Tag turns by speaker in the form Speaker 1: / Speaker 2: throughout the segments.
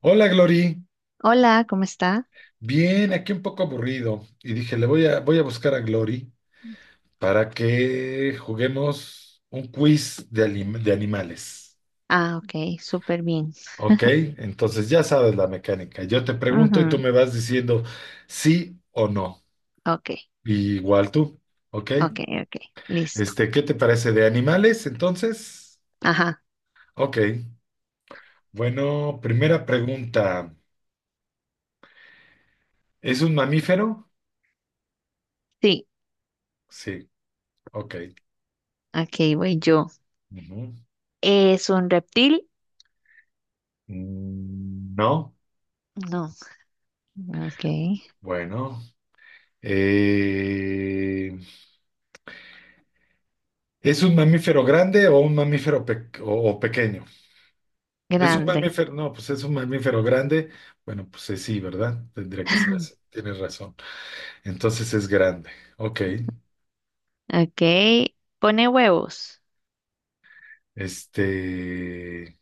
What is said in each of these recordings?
Speaker 1: Hola Glory,
Speaker 2: Hola, ¿cómo está?
Speaker 1: bien, aquí un poco aburrido y dije, voy a buscar a Glory para que juguemos un quiz de, de animales.
Speaker 2: Ah, ok, súper bien.
Speaker 1: ¿Ok? Entonces ya sabes la mecánica. Yo te pregunto y tú
Speaker 2: Ujú.
Speaker 1: me vas diciendo sí o no.
Speaker 2: Ok,
Speaker 1: Y igual tú, ¿ok?
Speaker 2: ok, ok, listo.
Speaker 1: ¿Qué te parece de animales entonces?
Speaker 2: Ajá,
Speaker 1: Ok, bueno, primera pregunta. ¿Es un mamífero?
Speaker 2: sí,
Speaker 1: Sí, ok.
Speaker 2: ok, voy yo.
Speaker 1: Ujú.
Speaker 2: ¿Es un reptil?
Speaker 1: Mm, no,
Speaker 2: No, ok,
Speaker 1: bueno. Eh, ¿es un mamífero grande o un mamífero o pequeño? Es un
Speaker 2: grande.
Speaker 1: mamífero, no, pues es un mamífero grande. Bueno, pues sí, ¿verdad? Tendría que ser así. Tienes razón. Entonces es grande. Ok.
Speaker 2: Ok, pone huevos.
Speaker 1: Este.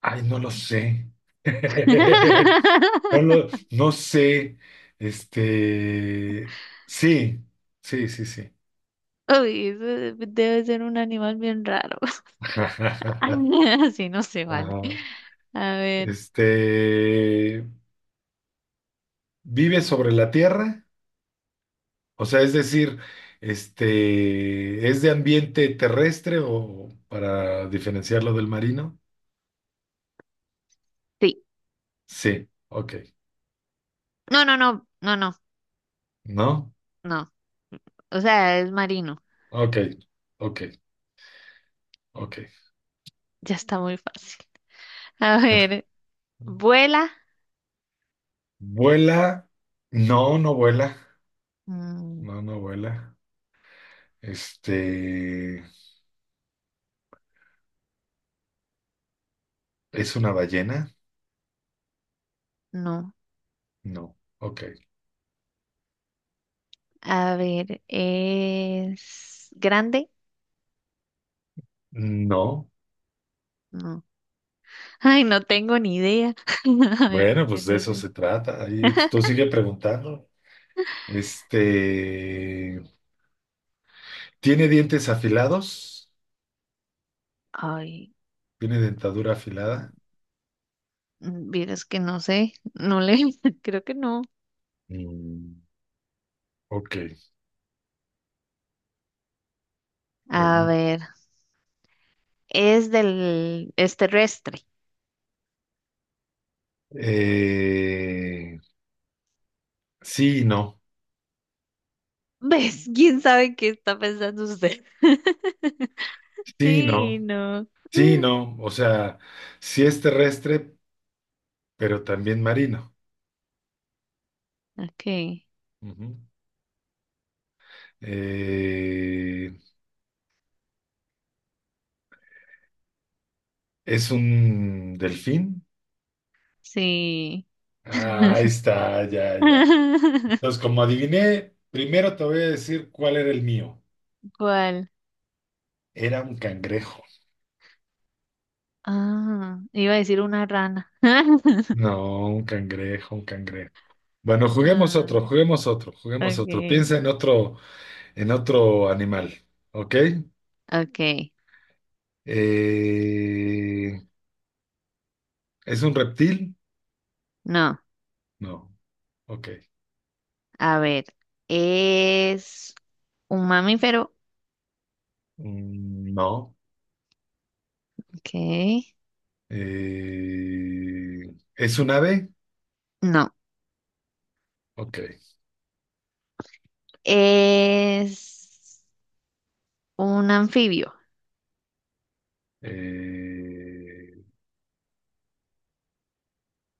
Speaker 1: Ay, no lo sé. No lo, no sé. Este. Sí, sí, sí, sí.
Speaker 2: Uy, eso debe ser un animal bien raro.
Speaker 1: Ajá.
Speaker 2: Así no se vale. A ver,
Speaker 1: Este. ¿Vive sobre la tierra? O sea, es decir, ¿es de ambiente terrestre o para diferenciarlo del marino?
Speaker 2: sí.
Speaker 1: Sí, ok.
Speaker 2: No, no, no, no, no,
Speaker 1: ¿No?
Speaker 2: no. O sea, es marino.
Speaker 1: Ok, ok, ok.
Speaker 2: Ya está muy fácil. A ver, vuela.
Speaker 1: ¿Vuela? No, no vuela.
Speaker 2: Mm,
Speaker 1: No, no vuela. Este, ¿es una ballena?
Speaker 2: no.
Speaker 1: No. Ok.
Speaker 2: A ver, ¿es grande?
Speaker 1: No.
Speaker 2: No. Ay, no tengo ni idea. A
Speaker 1: Bueno,
Speaker 2: ver,
Speaker 1: pues de
Speaker 2: no
Speaker 1: eso
Speaker 2: sé.
Speaker 1: se trata. Ahí tú sigue preguntando. Este, ¿tiene dientes afilados?
Speaker 2: Ay,
Speaker 1: ¿Tiene dentadura afilada?
Speaker 2: mm, vieras que no sé. No le, creo que no.
Speaker 1: Mm, ok,
Speaker 2: A
Speaker 1: pregunta.
Speaker 2: ver, es terrestre.
Speaker 1: Eh, sí, y no.
Speaker 2: ¿Ves? ¿Quién sabe qué está pensando usted?
Speaker 1: Sí, y
Speaker 2: Sí,
Speaker 1: no.
Speaker 2: no.
Speaker 1: Sí, y
Speaker 2: Mm.
Speaker 1: no. O sea, sí es terrestre, pero también marino.
Speaker 2: Ok,
Speaker 1: Ujú. Eh, ¿es un delfín?
Speaker 2: sí.
Speaker 1: Ah, ahí está, ya, ya. Entonces, como adiviné, primero te voy a decir cuál era el mío.
Speaker 2: ¿Cuál?
Speaker 1: Era un cangrejo.
Speaker 2: Ah, iba a decir una rana.
Speaker 1: No, un cangrejo, un cangrejo. Bueno, juguemos
Speaker 2: Ah,
Speaker 1: otro, juguemos otro, juguemos otro.
Speaker 2: okay,
Speaker 1: Piensa en otro animal, ¿ok?
Speaker 2: okay.
Speaker 1: Eh, ¿es un reptil?
Speaker 2: No,
Speaker 1: No, ok.
Speaker 2: a ver, es un mamífero.
Speaker 1: Mm, no.
Speaker 2: Okay.
Speaker 1: Eh, ¿es un ave?
Speaker 2: No,
Speaker 1: Ok.
Speaker 2: es un anfibio.
Speaker 1: Eh,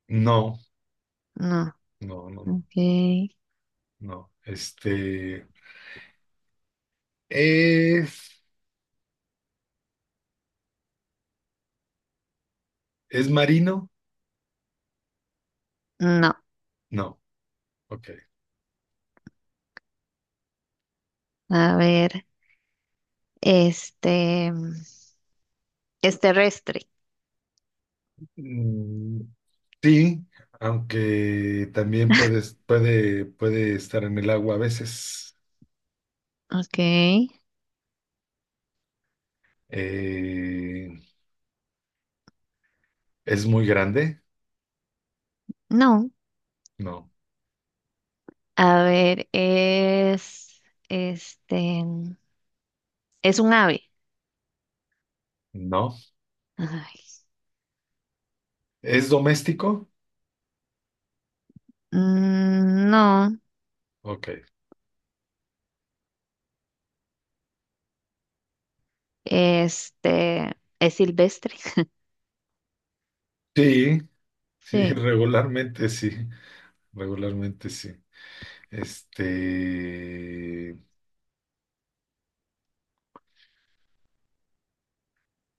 Speaker 1: no,
Speaker 2: No,
Speaker 1: no, no, no,
Speaker 2: okay.
Speaker 1: no. ¿Es, es marino?
Speaker 2: No,
Speaker 1: No, ok.
Speaker 2: a ver, este es terrestre.
Speaker 1: Mm, sí, aunque también puede estar en el agua a veces.
Speaker 2: Okay.
Speaker 1: Eh, ¿Es muy grande?
Speaker 2: No,
Speaker 1: No,
Speaker 2: a ver, es este es un ave.
Speaker 1: no.
Speaker 2: Ay,
Speaker 1: ¿Es doméstico?
Speaker 2: mm, no.
Speaker 1: Ok.
Speaker 2: Este, es silvestre.
Speaker 1: Sí, sí,
Speaker 2: Sí.
Speaker 1: regularmente sí, regularmente sí. Este,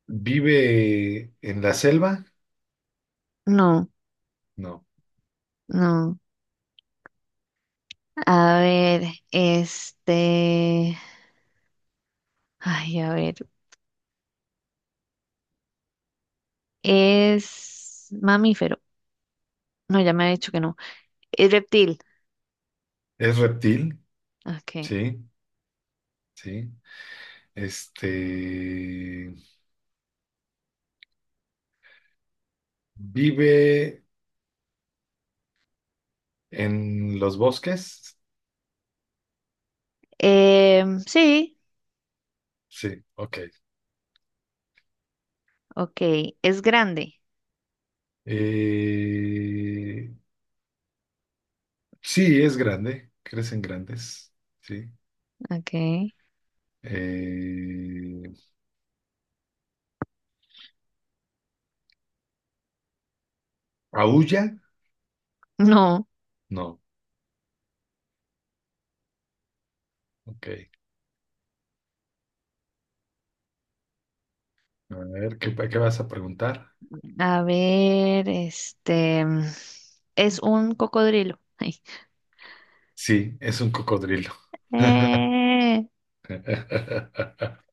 Speaker 1: ¿vive en la selva?
Speaker 2: No,
Speaker 1: No.
Speaker 2: no. A ver, este, ay, a ver, es mamífero. No, ya me ha dicho que no. Es reptil.
Speaker 1: ¿Es reptil?
Speaker 2: Okay.
Speaker 1: Sí, sí. Este, ¿vive en los bosques?
Speaker 2: Em, sí,
Speaker 1: Sí, ok.
Speaker 2: okay. Es grande.
Speaker 1: Eh, sí, es grande, crecen grandes, sí.
Speaker 2: Okay.
Speaker 1: Eh, ¿Aúlla?
Speaker 2: No.
Speaker 1: No. Ok. A ver, ¿Qué vas a preguntar?
Speaker 2: A ver, este, es un cocodrilo. Ay.
Speaker 1: Sí, es un cocodrilo.
Speaker 2: Eh,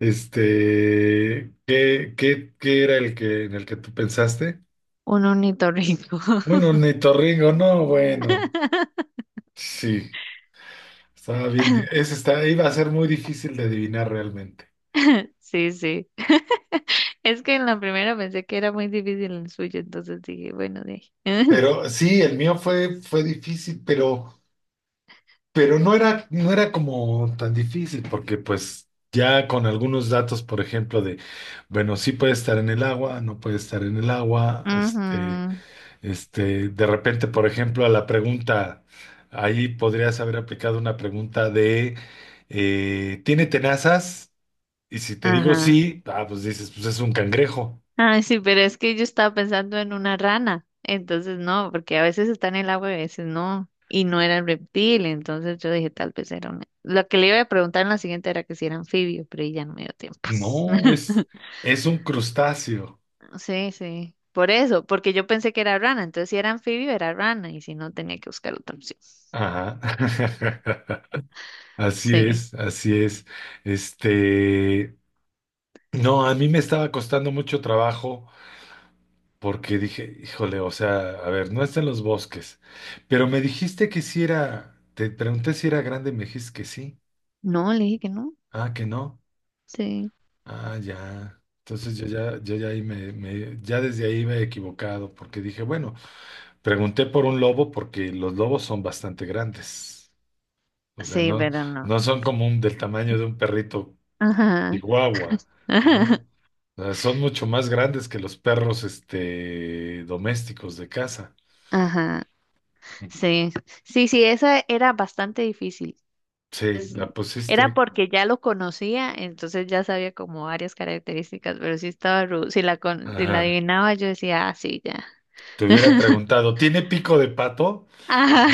Speaker 1: ¿Qué era el que en el que tú pensaste?
Speaker 2: un ornitorrinco.
Speaker 1: Un ornitorrinco, no, bueno. Sí, estaba bien. di- Ese está, iba a ser muy difícil de adivinar realmente.
Speaker 2: Sí, sí. Es que en la primera pensé que era muy difícil el suyo, entonces dije, bueno, de ahí.
Speaker 1: Pero sí, el mío fue difícil, pero. Pero no era como tan difícil, porque pues ya con algunos datos, por ejemplo, de, bueno, sí puede estar en el agua, no puede estar en el agua,
Speaker 2: Ujú.
Speaker 1: de repente, por ejemplo, a la pregunta, ahí podrías haber aplicado una pregunta de, ¿tiene tenazas? Y si te digo
Speaker 2: Ajá.
Speaker 1: sí, ah, pues dices, pues es un cangrejo.
Speaker 2: Ay, sí, pero es que yo estaba pensando en una rana, entonces no, porque a veces está en el agua y a veces no, y no era el reptil, entonces yo dije, tal vez era una. Lo que le iba a preguntar en la siguiente era que si era anfibio, pero ahí ya no me dio tiempo.
Speaker 1: No, es, es un crustáceo.
Speaker 2: Sí, sí, por eso, porque yo pensé que era rana, entonces si era anfibio era rana, y si no tenía que buscar otra opción.
Speaker 1: Ajá. Así
Speaker 2: Sí,
Speaker 1: es, así es. Este, No, a mí me estaba costando mucho trabajo porque dije, híjole, o sea, a ver, no está en los bosques, pero me dijiste que si era, te pregunté si era grande y me dijiste que sí,
Speaker 2: no, le dije que no,
Speaker 1: ah, que no,
Speaker 2: sí,
Speaker 1: ah, ya. Entonces yo ya ahí ya desde ahí me he equivocado porque dije, bueno, pregunté por un lobo porque los lobos son bastante grandes, o sea,
Speaker 2: sí,
Speaker 1: no,
Speaker 2: pero no.
Speaker 1: no son como del tamaño de un perrito
Speaker 2: Ajá,
Speaker 1: chihuahua, ¿no?
Speaker 2: ajá,
Speaker 1: Son mucho más grandes que los perros, domésticos de casa.
Speaker 2: ajá.
Speaker 1: Ujú.
Speaker 2: Sí, sí, sí, esa era bastante difícil.
Speaker 1: Sí, la
Speaker 2: Era
Speaker 1: pusiste.
Speaker 2: porque ya lo conocía, entonces ya sabía como varias características, pero sí estaba si la
Speaker 1: Ajá.
Speaker 2: adivinaba yo decía, ah, sí, ya.
Speaker 1: Te hubiera preguntado, ¿tiene pico de pato?
Speaker 2: Ajá,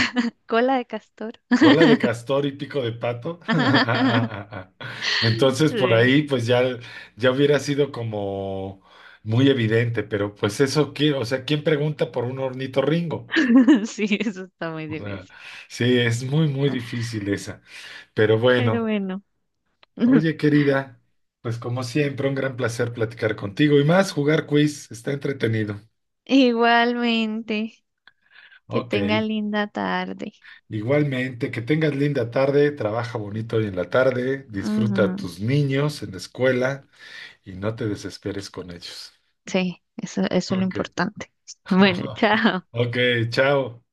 Speaker 2: cola de castor.
Speaker 1: ¿Cola de castor y pico de pato? Entonces por
Speaker 2: Sí.
Speaker 1: ahí pues ya hubiera sido como muy evidente, pero pues eso, o sea, ¿quién pregunta por un ornitorrinco?
Speaker 2: Sí, eso está muy
Speaker 1: O sea,
Speaker 2: difícil.
Speaker 1: sí, es muy, muy difícil esa. Pero
Speaker 2: Pero
Speaker 1: bueno.
Speaker 2: bueno,
Speaker 1: Oye, querida, pues como siempre, un gran placer platicar contigo y más jugar quiz, está entretenido.
Speaker 2: igualmente, que
Speaker 1: Ok,
Speaker 2: tenga linda tarde.
Speaker 1: igualmente, que tengas linda tarde, trabaja bonito hoy en la tarde, disfruta a
Speaker 2: Ujú.
Speaker 1: tus niños en la escuela y no te desesperes con ellos.
Speaker 2: Sí, eso es lo
Speaker 1: Ok,
Speaker 2: importante. Bueno, chao.
Speaker 1: ok, chao.